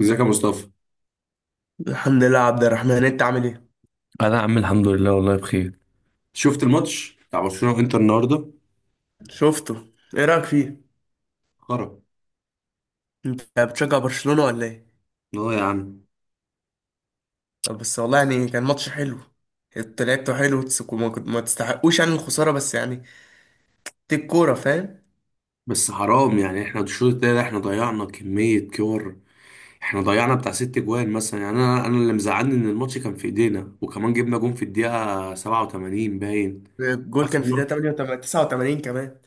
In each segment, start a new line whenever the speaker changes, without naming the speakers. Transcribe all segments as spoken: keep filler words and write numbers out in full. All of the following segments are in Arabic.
ازيك يا مصطفى؟
الحمد لله يا عبد الرحمن، انت عامل ايه؟
انا يا عم الحمد لله، والله بخير. شفت الماتش بتاع برشلونة وانتر النهارده؟
شفته. ايه رايك فيه؟
خرا.
انت بتشجع برشلونة ولا ايه؟
لا يا عم.
طب بس والله يعني كان ماتش حلو. انت لعبته حلو، تسك- وما كنت- ما تستحقوش يعني الخسارة بس يعني دي الكورة، فاهم.
بس حرام، يعني احنا الشوط التاني احنا ضيعنا كمية كور. احنا ضيعنا بتاع ست جوان مثلا، يعني انا انا اللي مزعلني ان الماتش كان في ايدينا، وكمان جبنا جون في الدقيقة سبعة وثمانين باين.
الجول كان
اخر
في دقيقة
ن-
تمانية وتمانين، تسعة وتمانين كمان.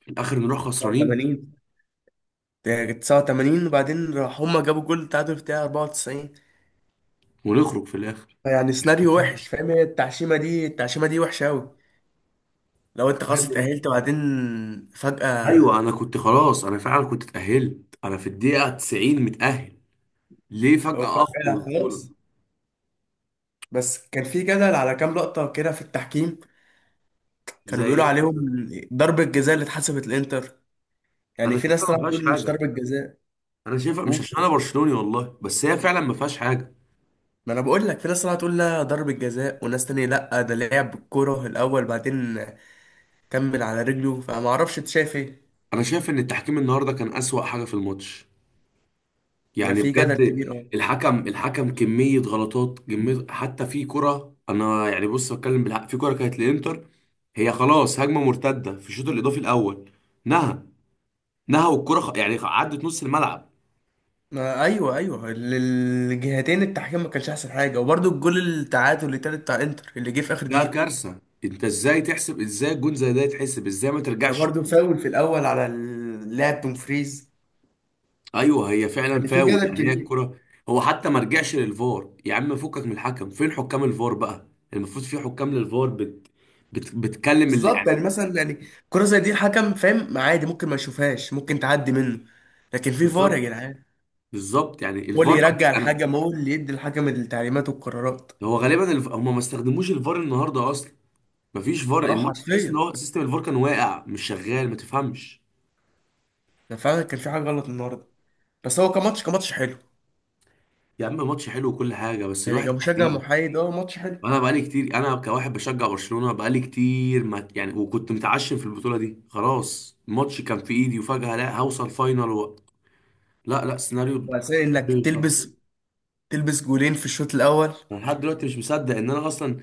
في الاخر نروح خسرانين
تسعة وتمانين. ده كانت تسعة وتمانين، وبعدين راح هما جابوا جول التعادل في دقيقة اربعة وتسعين.
ونخرج في الاخر.
يعني سيناريو وحش، فاهم. هي التعشيمة دي التعشيمة دي وحشة أوي. لو انت خلاص اتأهلت وبعدين فجأة،
ايوه، انا كنت خلاص، انا فعلا كنت اتأهلت، انا في الدقيقة تسعين متأهل. ليه
أو
فجأة اخرج من
فجأة
البطولة؟
خلاص. بس كان في جدل على كام لقطة كده في التحكيم.
زي
كانوا بيقولوا
ايه
عليهم
مثلا؟
ضربة جزاء اللي اتحسبت الانتر. يعني
انا
في ناس
شايفها ما
طلعت
فيهاش
تقول مش
حاجة.
ضربة جزاء.
انا شايفها
و-
مش عشان انا برشلوني والله، بس هي فعلا ما فيهاش حاجه.
ما انا بقول لك في ناس طلعت تقول لا ضربة جزاء، وناس تانية لا، ده لعب بالكرة الاول بعدين كمل على رجله، فما اعرفش انت شايف ايه.
انا شايف ان التحكيم النهارده كان اسوأ حاجه في الماتش،
ما
يعني
في جدل
بجد.
كبير، اه.
الحكم الحكم كميه غلطات، كميه، حتى في كره، انا يعني بص بتكلم بالحق، في كره كانت للانتر. هي خلاص هجمه مرتده في الشوط الاضافي الاول. نهى، نهى والكره خ... يعني عدت نص الملعب.
ما ايوه ايوه، ال- الجهتين، التحكيم ما كانش احسن حاجة، وبرده الجول التعادل اللي تالت بتاع انتر اللي جه في اخر
ده
دقيقة.
كارثه، انت ازاي تحسب، ازاي جون زي ده يتحسب، ازاي ما
ده
ترجعش؟
برده فاول في الاول على اللاعب دومفريز.
ايوه هي فعلا
يعني في
فاول،
جدل
يعني هي
كبير.
الكرة. هو حتى ما رجعش للفار يا عم، فكك من الحكم، فين حكام الفار بقى؟ المفروض في حكام للفار. بت... بت... بتكلم اللي
بالظبط يعني
يعني.
مثلا يعني كرة زي دي الحكم فاهم عادي ممكن ما يشوفهاش، ممكن تعدي منه. لكن في فار يا
بالظبط.
جدعان.
بالظبط، يعني
هو
الفار
اللي
ما
يرجع
رجع- انا.
الحكم، هو اللي يدي الحكم التعليمات والقرارات.
هو غالبا الف... هم ما استخدموش الفار النهارده اصلا. ما فيش فار،
اه
الماتش تحس ان
حرفيا.
هو سيستم الفار كان واقع مش شغال، ما تفهمش.
ده فعلا كان في حاجة غلط النهارده. بس هو كماتش كماتش حلو.
يا عم ماتش حلو وكل حاجه، بس
يعني
الواحد
كمشجع
حزين.
محايد اه ماتش حلو.
انا بقالي كتير، انا كواحد بشجع برشلونة بقالي كتير ما يعني، وكنت متعشم في البطولة دي، خلاص الماتش كان في ايدي وفجأة لا، هوصل فاينل و... لا لا، سيناريو.
بس انك
سيناريو صعب.
تلبس تلبس جولين في الشوط الاول.
انا لحد دلوقتي مش مصدق ان انا اصلا، ان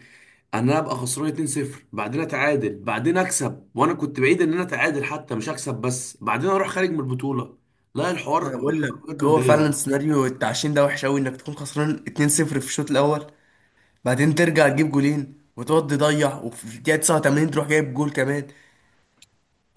انا ابقى خسران اثنين صفر بعدين اتعادل بعدين اكسب، وانا كنت بعيد ان انا اتعادل حتى مش اكسب، بس بعدين اروح خارج من البطولة. لا،
ما انا
الحوار
بقول
الحوار
لك
بجد
هو فعلا
مضايقني.
سيناريو التعشين ده وحش قوي، انك تكون خسران اتنين صفر في الشوط الاول، بعدين ترجع تجيب جولين وتقعد تضيع، وفي الدقيقة تسعة وتمانين تروح جايب جول كمان.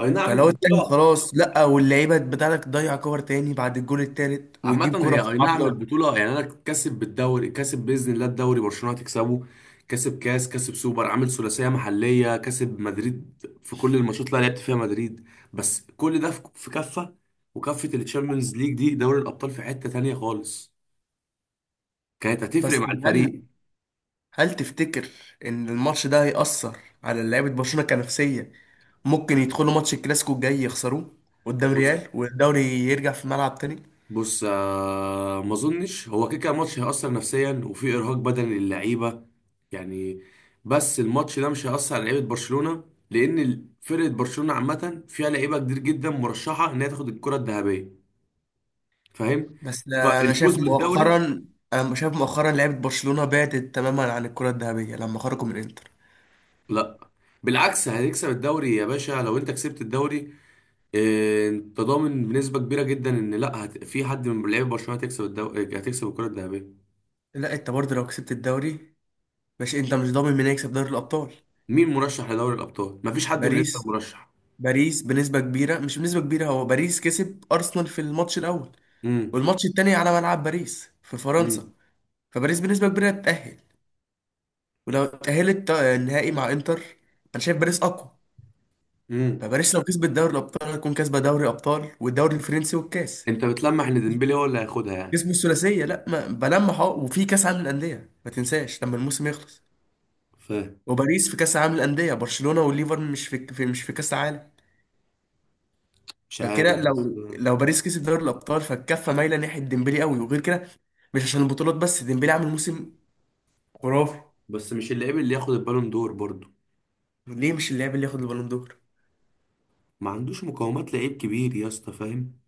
اي نعم
فلو التاني
البطولة.
خلاص لا، واللعيبه بتاعتك تضيع كور تاني بعد الجول التالت،
عامة،
وتجيب
هي
كرة في
أي نعم
العارضه.
البطولة. يعني أنا كاسب بالدوري، كاسب بإذن الله الدوري، برشلونة هتكسبه. كاسب كاس كاسب سوبر، عامل ثلاثية محلية، كاسب مدريد في كل الماتشات اللي أنا لعبت فيها مدريد. بس كل ده في في كفة، وكفة الشامبيونز ليج دي دوري الأبطال في حتة تانية خالص. كانت هتفرق
بس
مع
هل
الفريق.
هل تفتكر ان الماتش ده هيأثر على لعيبه برشلونه كنفسيه؟ ممكن يدخلوا ماتش الكلاسيكو الجاي يخسروه قدام
بص.
ريال، والدوري يرجع في الملعب تاني.
بص، آه، ما اظنش، هو كده كده ماتش هيأثر نفسيا وفي ارهاق بدني للعيبه، يعني. بس الماتش ده مش هيأثر على لعيبه برشلونه، لان ال- فرقه برشلونه عامه فيها لعيبه كتير جدا مرشحه ان هي تاخد الكره الذهبيه. فاهم؟
بس انا
فالفوز
شايف
بالدوري.
مؤخرا انا شايف مؤخرا لعيبه برشلونه بعدت تماما عن الكرة الذهبيه لما خرجوا من انتر.
لا بالعكس، هتكسب الدوري يا باشا. لو انت كسبت الدوري، آه، انت ضامن بنسبه كبيره جدا ان لا هت... في حد من لعيبه برشلونه هتكسب الدوري، هتكسب الكره الذهبيه.
لا انت برضه لو كسبت الدوري مش انت مش ضامن مين هيكسب دوري الابطال.
مين مرشح لدوري الابطال؟ مفيش حد من الانتر
باريس
مرشح.
باريس بنسبة كبيرة، مش بنسبة كبيرة، هو باريس كسب أرسنال في الماتش الأول،
امم.
والماتش التاني على ملعب باريس في فرنسا.
مم.
فباريس بنسبة كبيرة تتأهل. ولو اتأهلت تا- النهائي مع إنتر، أنا شايف باريس أقوى.
مم.
فباريس لو كسبت دوري الأبطال هتكون كاسبة دوري أبطال والدوري الفرنسي والكاس.
انت بتلمح ان ديمبلي هو اللي هياخدها يعني؟
كسبوا الثلاثية. لا ما بلمح، أهو وفي كأس عالم الأندية ما تنساش لما الموسم يخلص.
فاهم.
وباريس في كأس عالم الأندية، برشلونة والليفر مش في, في مش في كأس عالم.
مش عارف
فكده
بس.
لو لو باريس كسب دوري الابطال فالكفه مايله ناحيه ديمبلي قوي. وغير كده، مش عشان البطولات بس، ديمبلي عامل موسم خرافي.
بس مش اللعيب اللي ياخد البالون دور برضه.
ليه مش اللاعب اللي ياخد البالون دور؟
ما عندوش مقومات لعيب كبير يا اسطى، فاهم؟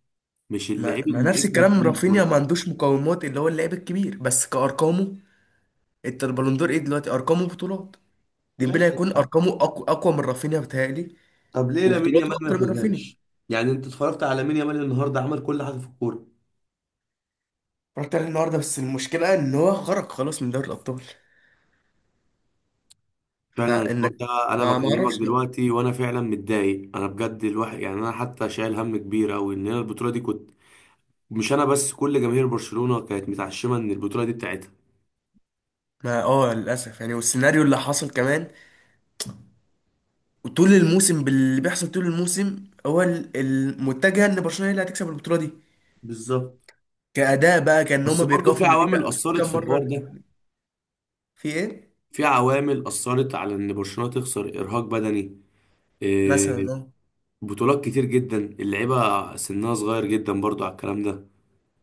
مش
ما,
اللعيب
ما
اللي
نفس
اسمه
الكلام
تقيل
رافينيا
برضه.
ما عندوش مقومات اللي هو اللاعب الكبير، بس كارقامه. انت البالون دور ايه دلوقتي؟ ارقامه بطولات. ديمبلي
ماشي.
هيكون ارقامه اقوى اقوى من رافينيا بتهيألي.
طب ليه لامين
وبطولاته
يامال ما
اكتر من رافينيا.
ياخدهاش؟ يعني انت اتفرجت على لامين يامال النهارده؟ عمل كل حاجه في الكوره.
رحت عليه النهارده، بس المشكله ان هو خرج خلاص من دوري الابطال.
فعلا الحوار
فانك
ده. انا
ما ما
بكلمك
اعرفش بقى.
دلوقتي وانا فعلا متضايق، انا بجد، الواحد يعني انا حتى شايل هم كبير قوي ان انا البطوله دي كنت. مش انا بس، كل جماهير برشلونه كانت متعشمه ان البطوله دي بتاعتها.
ما اه للاسف يعني، والسيناريو اللي حصل كمان. وطول الموسم باللي بيحصل طول الموسم هو ال- المتجه ان برشلونه هي اللي هتكسب البطوله دي.
بالظبط.
كاداء بقى كان
بس
هما
برضه
بيرجعوا في
في
النتيجه.
عوامل أثرت
كام
في
مره
الحوار
رجعوا في
ده.
النتيجة. في ايه
في عوامل أثرت على إن برشلونة تخسر، إرهاق بدني، إيه،
مثلا اه.
بطولات كتير جدا، اللعيبة سنها صغير جدا برضه على الكلام ده.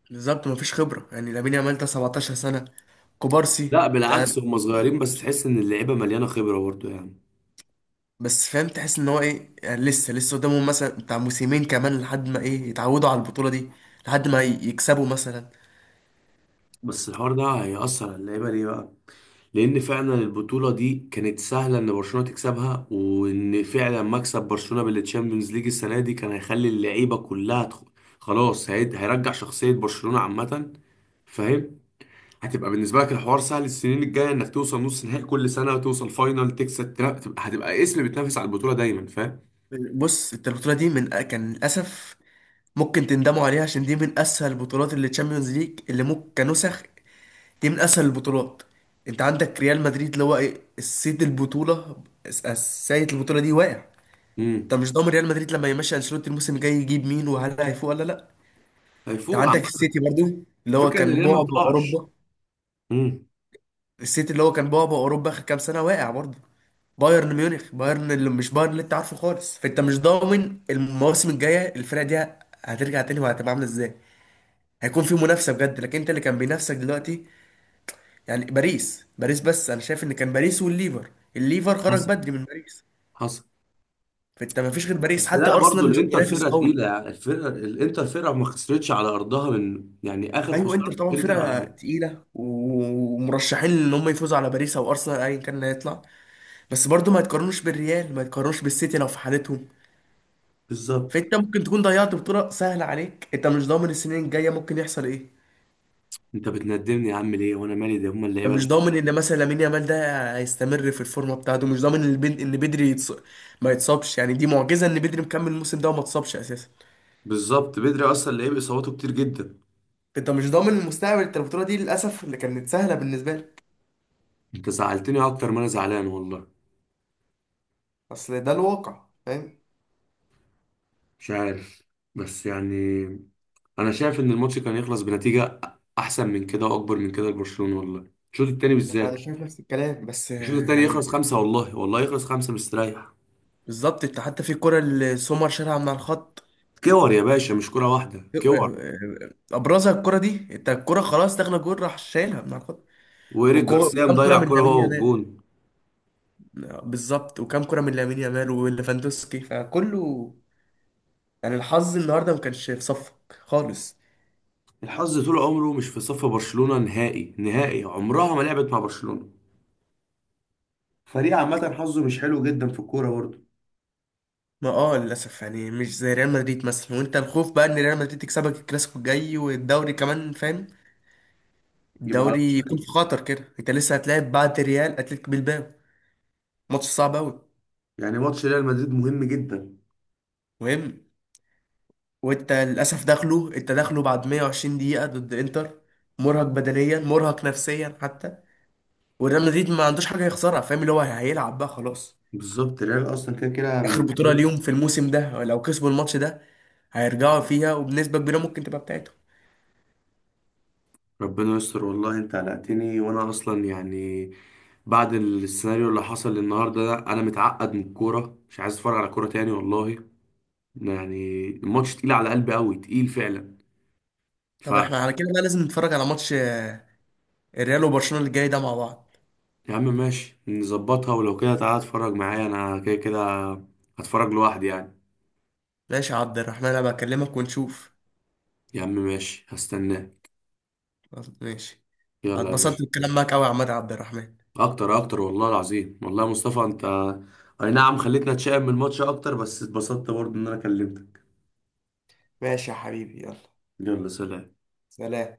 بالظبط مفيش خبره. يعني لامين يامال ده سبعتاشر سنه، كوبارسي
لا
ده.
بالعكس، هم صغيرين بس تحس إن اللعيبة مليانة خبرة برضه، يعني.
بس فاهم تحس ان هو ايه، يعني لسه لسه قدامهم مثلا بتاع موسمين كمان لحد ما ايه يتعودوا على البطوله دي، لحد ما ي- يكسبوا مثلا.
بس الحوار ده هيأثر على اللعيبة ليه بقى؟ لأن فعلا البطولة دي كانت سهلة إن برشلونة تكسبها، وإن فعلا مكسب برشلونة بالتشامبيونز ليج السنة دي كان هيخلي اللعيبة كلها تخ... خلاص هيد... هيرجع شخصية برشلونة عامة. فاهم؟ هتبقى بالنسبه لك الحوار سهل، السنين الجايه انك توصل نص نهائي كل سنه وتوصل فاينل تكسب، ترا- تبقى، هتبقى اسم بتنافس على البطوله دايما، فاهم؟
بص انت البطوله دي من كان للاسف ممكن تندموا عليها، عشان دي من اسهل البطولات، اللي تشامبيونز ليج اللي ممكن كنسخ. دي من اسهل البطولات. انت عندك ريال مدريد اللي هو ايه السيد البطوله، الس- السيد البطوله دي واقع. انت
امم.
مش ضامن ريال مدريد لما يمشي انشيلوتي الموسم الجاي يجيب مين، وهل هيفوق ولا لا. انت
هيفوق عامه.
عندك السيتي برضو اللي هو
الفكره ان
كان
الريال ما
بعبع
بتقعش.
اوروبا.
امم.
السيتي اللي هو كان بعبع اوروبا اخر كام سنه واقع برضو. بايرن ميونخ، بايرن اللي مش بايرن اللي انت عارفه خالص. فانت مش ضامن المواسم الجايه الفرقه دي هترجع تاني وهتبقى عامله ازاي. هيكون في منافسه بجد، لكن انت اللي كان بينافسك دلوقتي يعني باريس باريس بس انا شايف ان كان باريس والليفر، الليفر خرج
حصل.
بدري من باريس.
حصل.
فانت ما فيش غير باريس،
بس
حتى
لا، برضو
ارسنال مش
الانتر
منافس
فرقه
قوي.
تقيله، يعني الفرقه الانتر فرقه ما خسرتش على ارضها من، يعني اخر
ايوه انتر
خساره
طبعا
الانتر على
فرقه
ارضها.
تقيله ومرشحين ان هم يفوزوا على باريس او ارسنال ايا كان اللي هيطلع. بس برضو ما يتقارنوش بالريال، ما يتقارنوش بالسيتي لو في حالتهم.
بالظبط.
فانت ممكن تكون ضيعت بطوله سهله عليك، انت مش ضامن السنين الجايه ممكن يحصل ايه.
انت بتندمني يا عم ليه وانا مالي، ده هما اللعيبه
انت مش
اللي-
ضامن ان مثلا لامين يامال ده هيستمر في الفورمه بتاعته، مش ضامن ان البن- ان بدري يتص... ما يتصابش. يعني دي معجزه ان بدري مكمل الموسم ده وما اتصابش اساسا.
بالظبط، بدري اصلا لعيب اصاباته كتير جدا.
انت مش ضامن المستقبل. انت البطوله دي للاسف اللي كانت سهله بالنسبه لك.
انت زعلتني اكتر ما انا زعلان والله.
اصل ده الواقع فاهم.
مش عارف بس، يعني انا شايف ان الماتش كان يخلص بنتيجه احسن من كده واكبر من كده لبرشلونه والله، الشوط التاني
انا
بالذات.
شايف نفس الكلام، بس
الشوط
آه،
التاني
يعني
يخلص خمسه والله، والله يخلص خمسه مستريح.
بالظبط. انت حتى في الكره اللي سومر شالها من على الخط،
كور يا باشا، مش كره واحده،
آه،
كور.
آه. آه، ابرزها الكره دي، انت الكره خلاص داخله جول راح شايلها من على الخط.
وايريك
وكو-
جارسيا
وكام كرة
مضيع
من
كره
لامين
هو
يامال.
والجون.
بالظبط وكام كرة من لامين يامال وليفاندوسكي فكله. يعني الحظ النهارده ما كانش في صفك خالص.
الحظ طول عمره مش في صف برشلونه نهائي نهائي، عمرها ما لعبت مع برشلونه، فريق عامه حظه مش حلو جدا في الكوره برضه.
ما اه للاسف يعني، مش زي ريال مدريد مثلا. وانت الخوف بقى ان ريال مدريد تكسبك الكلاسيكو الجاي والدوري كمان، فاهم.
يبقى على
الدوري يكون
وشك.
في خطر كده، انت لسه هتلاعب بعد ريال اتلتيك بالباو. ماتش صعب قوي.
يعني ماتش ريال مدريد مهم جدا.
مهم. وانت للاسف داخله انت داخله بعد ميه وعشرين دقيقة ضد انتر. مرهق بدنيا، مرهق نفسيا حتى. والريال مدريد ما عندوش حاجه يخسرها، فاهم. اللي هو هيلعب بقى خلاص.
بالظبط، ريال اصلا كده كده.
اخر بطوله ليهم في الموسم ده، لو كسبوا الماتش ده هيرجعوا فيها، وبنسبه كبيره ممكن تبقى بتاعتهم.
ربنا يستر والله، انت قلقتني، وانا اصلا يعني بعد السيناريو اللي حصل النهارده ده انا متعقد من الكوره، مش عايز اتفرج على كوره تاني والله. يعني الماتش تقيل على قلبي قوي، تقيل فعلا. ف
طب احنا على كده بقى لازم نتفرج على ماتش آه، الريال وبرشلونه اللي جاي ده مع بعض.
يا عم ماشي نظبطها، ولو كده تعالى اتفرج معايا، انا كده كده هتفرج لوحدي يعني.
ماشي يا عبد الرحمن، انا بكلمك ونشوف.
يا عم ماشي، هستناه.
خلاص، ماشي.
يلا يا
هتبسطت بالكلام
باشا.
معاك قوي يا عماد عبد الرحمن.
اكتر اكتر والله العظيم، والله يا مصطفى انت، اي نعم خليتنا نتشائم من الماتش اكتر، بس اتبسطت برضه ان انا كلمتك.
ماشي يا حبيبي، يلا.
يلا، سلام.
سلام.